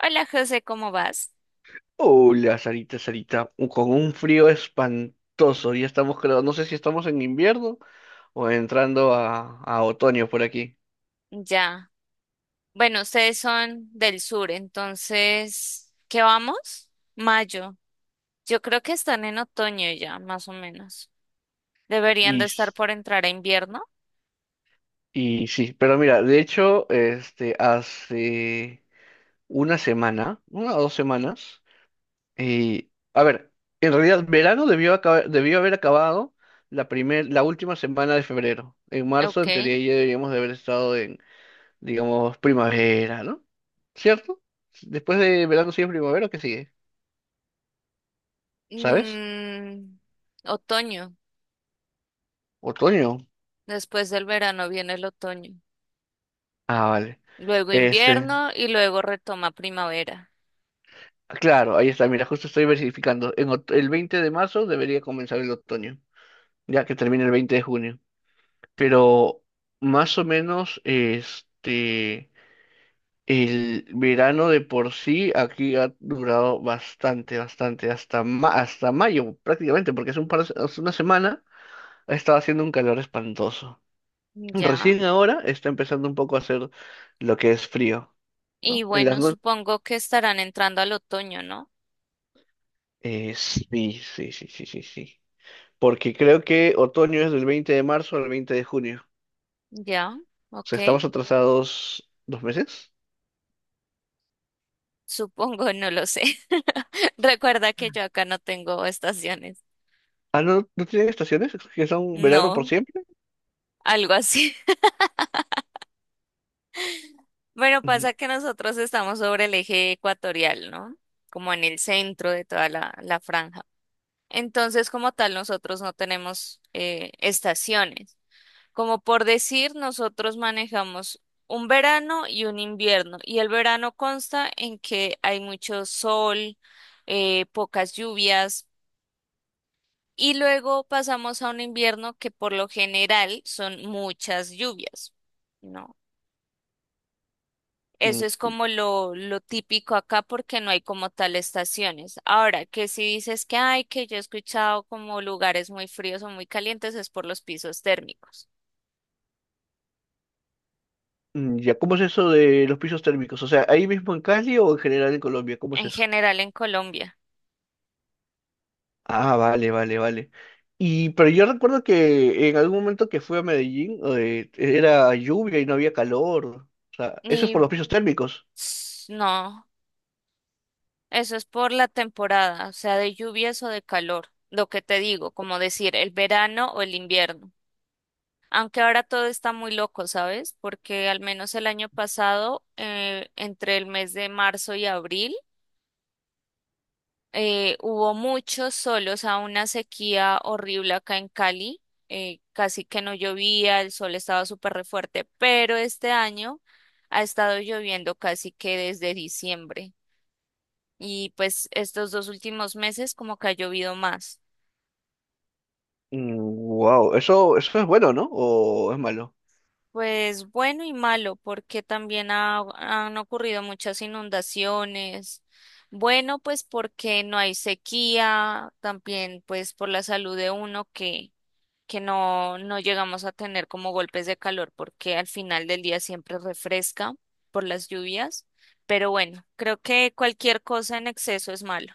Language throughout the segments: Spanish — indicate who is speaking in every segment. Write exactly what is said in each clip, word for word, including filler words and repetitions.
Speaker 1: Hola José, ¿cómo vas?
Speaker 2: Hola, Sarita, Sarita, u- con un frío espantoso. Ya estamos, creo, no sé si estamos en invierno o entrando a, a otoño por aquí.
Speaker 1: Ya. Bueno, ustedes son del sur, entonces, ¿qué vamos? Mayo. Yo creo que están en otoño ya, más o menos. Deberían
Speaker 2: Y,
Speaker 1: de estar
Speaker 2: s-
Speaker 1: por entrar a invierno.
Speaker 2: y sí, pero mira, de hecho, este, hace una semana, una o dos semanas, y a ver, en realidad verano debió, acabar- debió haber acabado la primer, la última semana de febrero. En marzo,
Speaker 1: Ok.
Speaker 2: en teoría, ya deberíamos de haber estado, digamos, primavera, ¿no? ¿Cierto? Después de verano sigue primavera, ¿qué sigue? ¿Sabes?
Speaker 1: Mm, otoño.
Speaker 2: Otoño.
Speaker 1: Después del verano viene el otoño.
Speaker 2: Ah, vale.
Speaker 1: Luego
Speaker 2: Este,
Speaker 1: invierno y luego retoma primavera.
Speaker 2: claro, ahí está, mira, justo estoy verificando. En ot- el veinte de marzo debería comenzar el otoño, ya que termina el veinte de junio. Pero más o menos, este, el verano de por sí aquí ha durado bastante, bastante, hasta, ma- hasta mayo prácticamente, porque hace un par de se- hace una semana ha estado haciendo un calor espantoso.
Speaker 1: Ya.
Speaker 2: Recién ahora está empezando un poco a hacer lo que es frío,
Speaker 1: Y
Speaker 2: ¿no? En las
Speaker 1: bueno,
Speaker 2: noches.
Speaker 1: supongo que estarán entrando al otoño, ¿no?
Speaker 2: Eh, sí, sí, sí, sí, sí, sí. Porque creo que otoño es del veinte de marzo al veinte de junio.
Speaker 1: Ya.
Speaker 2: O
Speaker 1: Ok.
Speaker 2: sea, estamos atrasados dos meses.
Speaker 1: Supongo, no lo sé. Recuerda que yo acá no tengo estaciones.
Speaker 2: Ah, no, no tienen estaciones, que son verano por
Speaker 1: No,
Speaker 2: siempre.
Speaker 1: algo así. Bueno,
Speaker 2: Ujú,
Speaker 1: pasa que nosotros estamos sobre el eje ecuatorial, ¿no? Como en el centro de toda la, la franja. Entonces, como tal, nosotros no tenemos eh, estaciones. Como por decir, nosotros manejamos un verano y un invierno. Y el verano consta en que hay mucho sol, eh, pocas lluvias. Y luego pasamos a un invierno que por lo general son muchas lluvias, ¿no?
Speaker 2: mm,
Speaker 1: Eso es como lo, lo típico acá porque no hay como tal estaciones. Ahora, que si dices que hay, que yo he escuchado como lugares muy fríos o muy calientes, es por los pisos térmicos,
Speaker 2: mm, ya, ¿cómo es eso de los pisos térmicos? O sea, ahí mismo en Cali o en general en Colombia, ¿cómo es
Speaker 1: en
Speaker 2: eso?
Speaker 1: general en Colombia.
Speaker 2: Ah, vale, vale, vale. Y pero yo recuerdo que en algún momento que fui a Medellín, eh, era lluvia y no había calor. O sea, eso es
Speaker 1: Y
Speaker 2: por los pisos térmicos.
Speaker 1: ps, no, eso es por la temporada, o sea, de lluvias o de calor, lo que te digo, como decir el verano o el invierno. Aunque ahora todo está muy loco, ¿sabes? Porque al menos el año pasado, eh, entre el mes de marzo y abril, eh, hubo muchos solos, a una sequía horrible acá en Cali. Eh, casi que no llovía, el sol estaba súper re fuerte, pero este año ha estado lloviendo casi que desde diciembre. Y pues estos dos últimos meses como que ha llovido más.
Speaker 2: Wow, eso, eso es bueno, ¿no? ¿O es malo?
Speaker 1: Pues bueno y malo, porque también ha- han ocurrido muchas inundaciones. Bueno, pues porque no hay sequía, también pues por la salud de uno que, que no, no llegamos a tener como golpes de calor, porque al final del día siempre refresca por las lluvias. Pero bueno, creo que cualquier cosa en exceso es malo.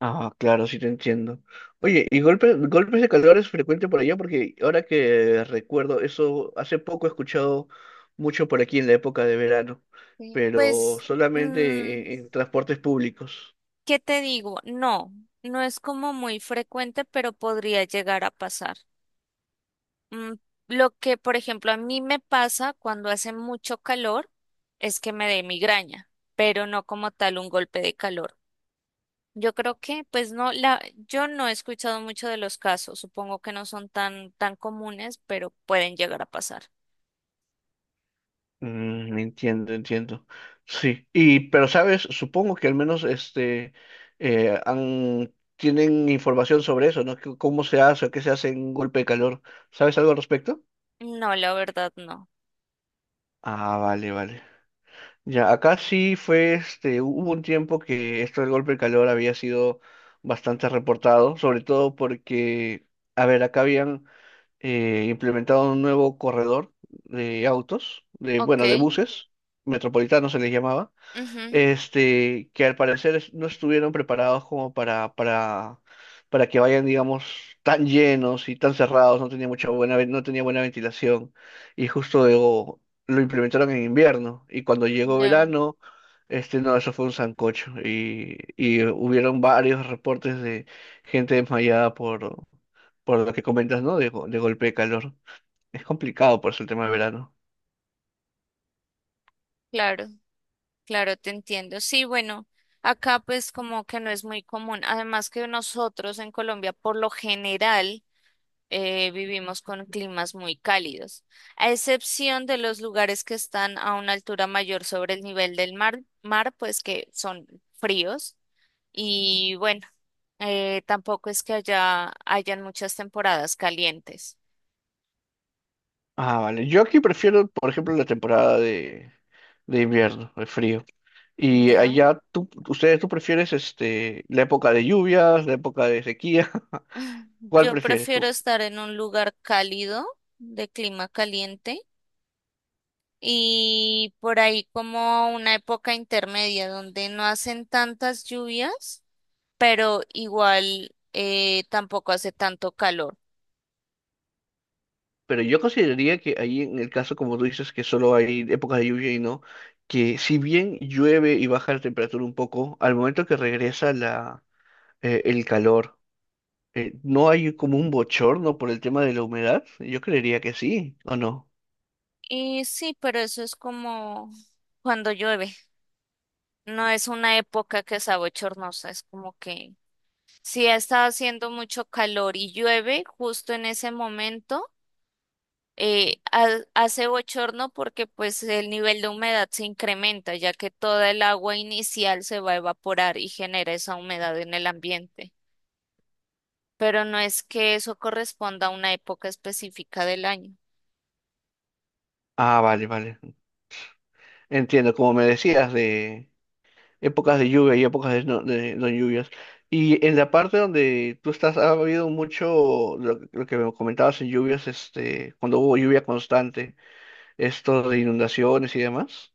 Speaker 2: Ah, claro, sí te entiendo. Oye, ¿y golpes, golpes de calor es frecuente por allá? Porque ahora que recuerdo, eso hace poco he escuchado mucho por aquí en la época de verano,
Speaker 1: Sí,
Speaker 2: pero
Speaker 1: pues, mm,
Speaker 2: solamente en en transportes públicos.
Speaker 1: ¿qué te digo? No, no es como muy frecuente, pero podría llegar a pasar. Mm, lo que, por ejemplo, a mí me pasa cuando hace mucho calor es que me dé migraña, pero no como tal un golpe de calor. Yo creo que, pues no, la, yo no he escuchado mucho de los casos. Supongo que no son tan, tan comunes, pero pueden llegar a pasar.
Speaker 2: Mm, entiendo, entiendo. Sí, y pero sabes, supongo que al menos este, eh, han, tienen información sobre eso, ¿no? Que- ¿Cómo se hace o qué se hace en un golpe de calor? ¿Sabes algo al respecto?
Speaker 1: No, la verdad no.
Speaker 2: Ah, vale, vale. Ya, acá sí fue, este, hubo un tiempo que esto del golpe de calor había sido bastante reportado, sobre todo porque, a ver, acá habían, eh, implementado un nuevo corredor de autos, de,
Speaker 1: Ok.
Speaker 2: bueno, de buses, metropolitanos se les llamaba,
Speaker 1: Ujú.
Speaker 2: este, que al parecer es- no estuvieron preparados como para, para, para que vayan, digamos, tan llenos y tan cerrados, no tenía mucha buena, ve- no tenía buena ventilación, y justo luego lo implementaron en invierno, y cuando llegó
Speaker 1: Ya,
Speaker 2: verano, este, no, eso fue un sancocho, y, y hubieron varios reportes de gente desmayada por, por lo que comentas, ¿no? De, go- de golpe de calor. Es complicado por eso el tema de verano.
Speaker 1: claro, claro, te entiendo. Sí, bueno, acá pues como que no es muy común. Además que nosotros en Colombia por lo general eh, vivimos con climas muy cálidos, a excepción de los lugares que están a una altura mayor sobre el nivel del mar, mar pues que son fríos y bueno, eh, tampoco es que haya hayan muchas temporadas calientes.
Speaker 2: Ah, vale. Yo aquí prefiero, por ejemplo, la temporada de invierno, de frío. Y
Speaker 1: Ya,
Speaker 2: allá, tú, ustedes, ¿tú prefieres este, la época de lluvias, la época de sequía? ¿Cuál
Speaker 1: yo
Speaker 2: prefieres?
Speaker 1: prefiero
Speaker 2: Co-
Speaker 1: estar en un lugar cálido, de clima caliente. Y por ahí como una época intermedia donde no hacen tantas lluvias pero igual eh, tampoco hace tanto calor.
Speaker 2: Pero yo consideraría que ahí, en el caso, como tú dices, que solo hay épocas de lluvia y no, que si bien llueve y baja la temperatura un poco, al momento que regresa la, eh, el calor, eh, ¿no hay como un bochorno por el tema de la humedad? Yo creería que sí, ¿o no?
Speaker 1: Y sí, pero eso es como cuando llueve. No es una época que sea bochornosa, es como que si ha estado haciendo mucho calor y llueve justo en ese momento, eh, ha- hace bochorno porque pues el nivel de humedad se incrementa, ya que toda el agua inicial se va a evaporar y genera esa humedad en el ambiente. Pero no es que eso corresponda a una época específica del año.
Speaker 2: Ah, vale, vale. Entiendo, como me decías de épocas de lluvia y épocas de no, de no lluvias. Y en la parte donde tú estás, ha habido mucho lo, lo que me comentabas en lluvias, este, cuando hubo lluvia constante, esto de inundaciones y demás.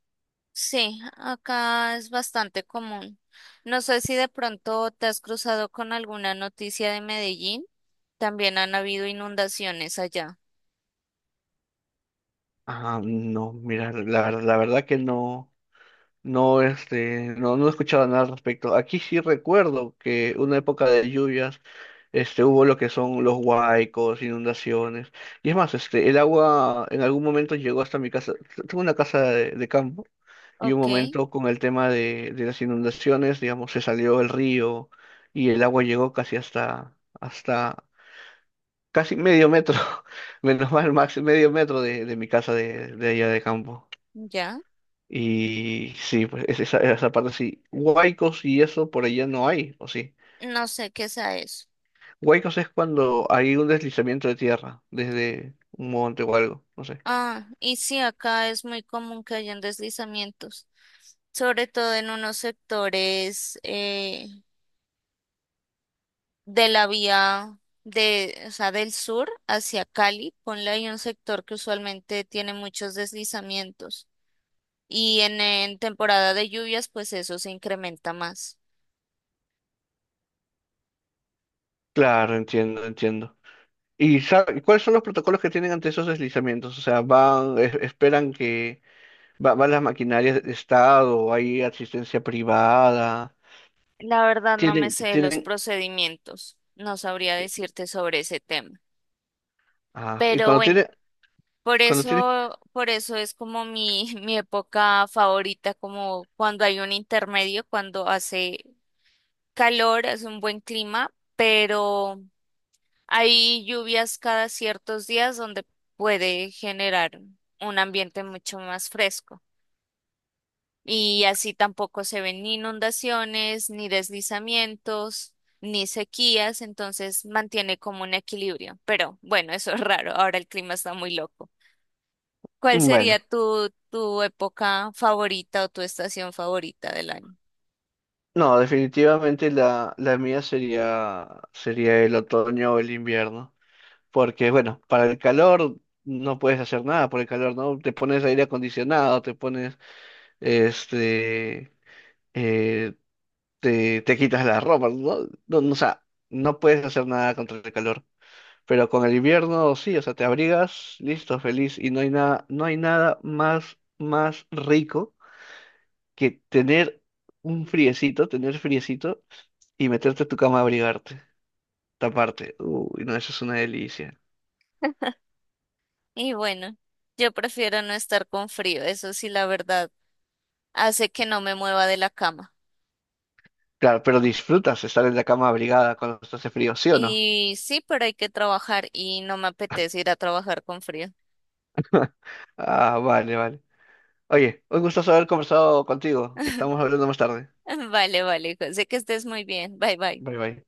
Speaker 1: Sí, acá es bastante común. No sé si de pronto te has cruzado con alguna noticia de Medellín. También han habido inundaciones allá.
Speaker 2: Ah, no, mira, la, ver- la verdad que no, no, este, no, no he escuchado nada al respecto. Aquí sí recuerdo que una época de lluvias, este, hubo lo que son los huaicos, inundaciones. Y es más, este, el agua en algún momento llegó hasta mi casa. Tengo una casa de, de campo, y un
Speaker 1: Ok.
Speaker 2: momento con el tema de, de las inundaciones, digamos, se salió el río y el agua llegó casi hasta, hasta casi medio metro, menos mal, máximo medio metro de, de mi casa de, de allá de campo.
Speaker 1: Ya.
Speaker 2: Y sí, pues es- esa, esa parte sí. Huaicos y eso por allá no hay, ¿o sí?
Speaker 1: No sé qué sea eso.
Speaker 2: Huaycos es cuando hay un deslizamiento de tierra desde un monte o algo, no sé.
Speaker 1: Ah, y sí, acá es muy común que hayan deslizamientos, sobre todo en unos sectores eh, de la vía de, o sea, del sur hacia Cali. Ponle ahí un sector que usualmente tiene muchos deslizamientos. Y en, en temporada de lluvias, pues eso se incrementa más.
Speaker 2: Claro, entiendo, entiendo. ¿Y sabe- cuáles son los protocolos que tienen ante esos deslizamientos? O sea, van, es- esperan que va- van las maquinarias de Estado, hay asistencia privada,
Speaker 1: La verdad no me
Speaker 2: tienen,
Speaker 1: sé los
Speaker 2: tienen,
Speaker 1: procedimientos, no sabría decirte sobre ese tema.
Speaker 2: ah, y
Speaker 1: Pero
Speaker 2: cuando
Speaker 1: bueno,
Speaker 2: tienen,
Speaker 1: por
Speaker 2: cuando tienen,
Speaker 1: eso, por eso es como mi, mi época favorita, como cuando hay un intermedio, cuando hace calor, hace un buen clima, pero hay lluvias cada ciertos días donde puede generar un ambiente mucho más fresco. Y así tampoco se ven ni inundaciones, ni deslizamientos, ni sequías, entonces mantiene como un equilibrio. Pero bueno, eso es raro, ahora el clima está muy loco. ¿Cuál
Speaker 2: bueno,
Speaker 1: sería tu, tu época favorita o tu estación favorita del año?
Speaker 2: no, definitivamente la, la mía sería, sería el otoño o el invierno. Porque, bueno, para el calor no puedes hacer nada por el calor, ¿no? Te pones aire acondicionado, te pones, este, eh, te, te quitas la ropa, ¿no? No, no, o sea, no puedes hacer nada contra el calor. Pero con el invierno sí, o sea, te abrigas, listo, feliz, y no hay nada, no hay nada más, más rico que tener un friecito, tener friecito y meterte a tu cama a abrigarte, taparte. Uy, no, eso es una delicia.
Speaker 1: Y bueno, yo prefiero no estar con frío, eso sí, la verdad, hace que no me mueva de la cama.
Speaker 2: Claro, pero disfrutas estar en la cama abrigada cuando hace frío, ¿sí o no?
Speaker 1: Y sí, pero hay que trabajar y no me apetece ir a trabajar con frío.
Speaker 2: Ah, vale, vale. Oye, un gusto haber conversado contigo. Estamos hablando más tarde.
Speaker 1: Vale, vale, José, que estés muy bien. Bye, bye.
Speaker 2: Bye, bye.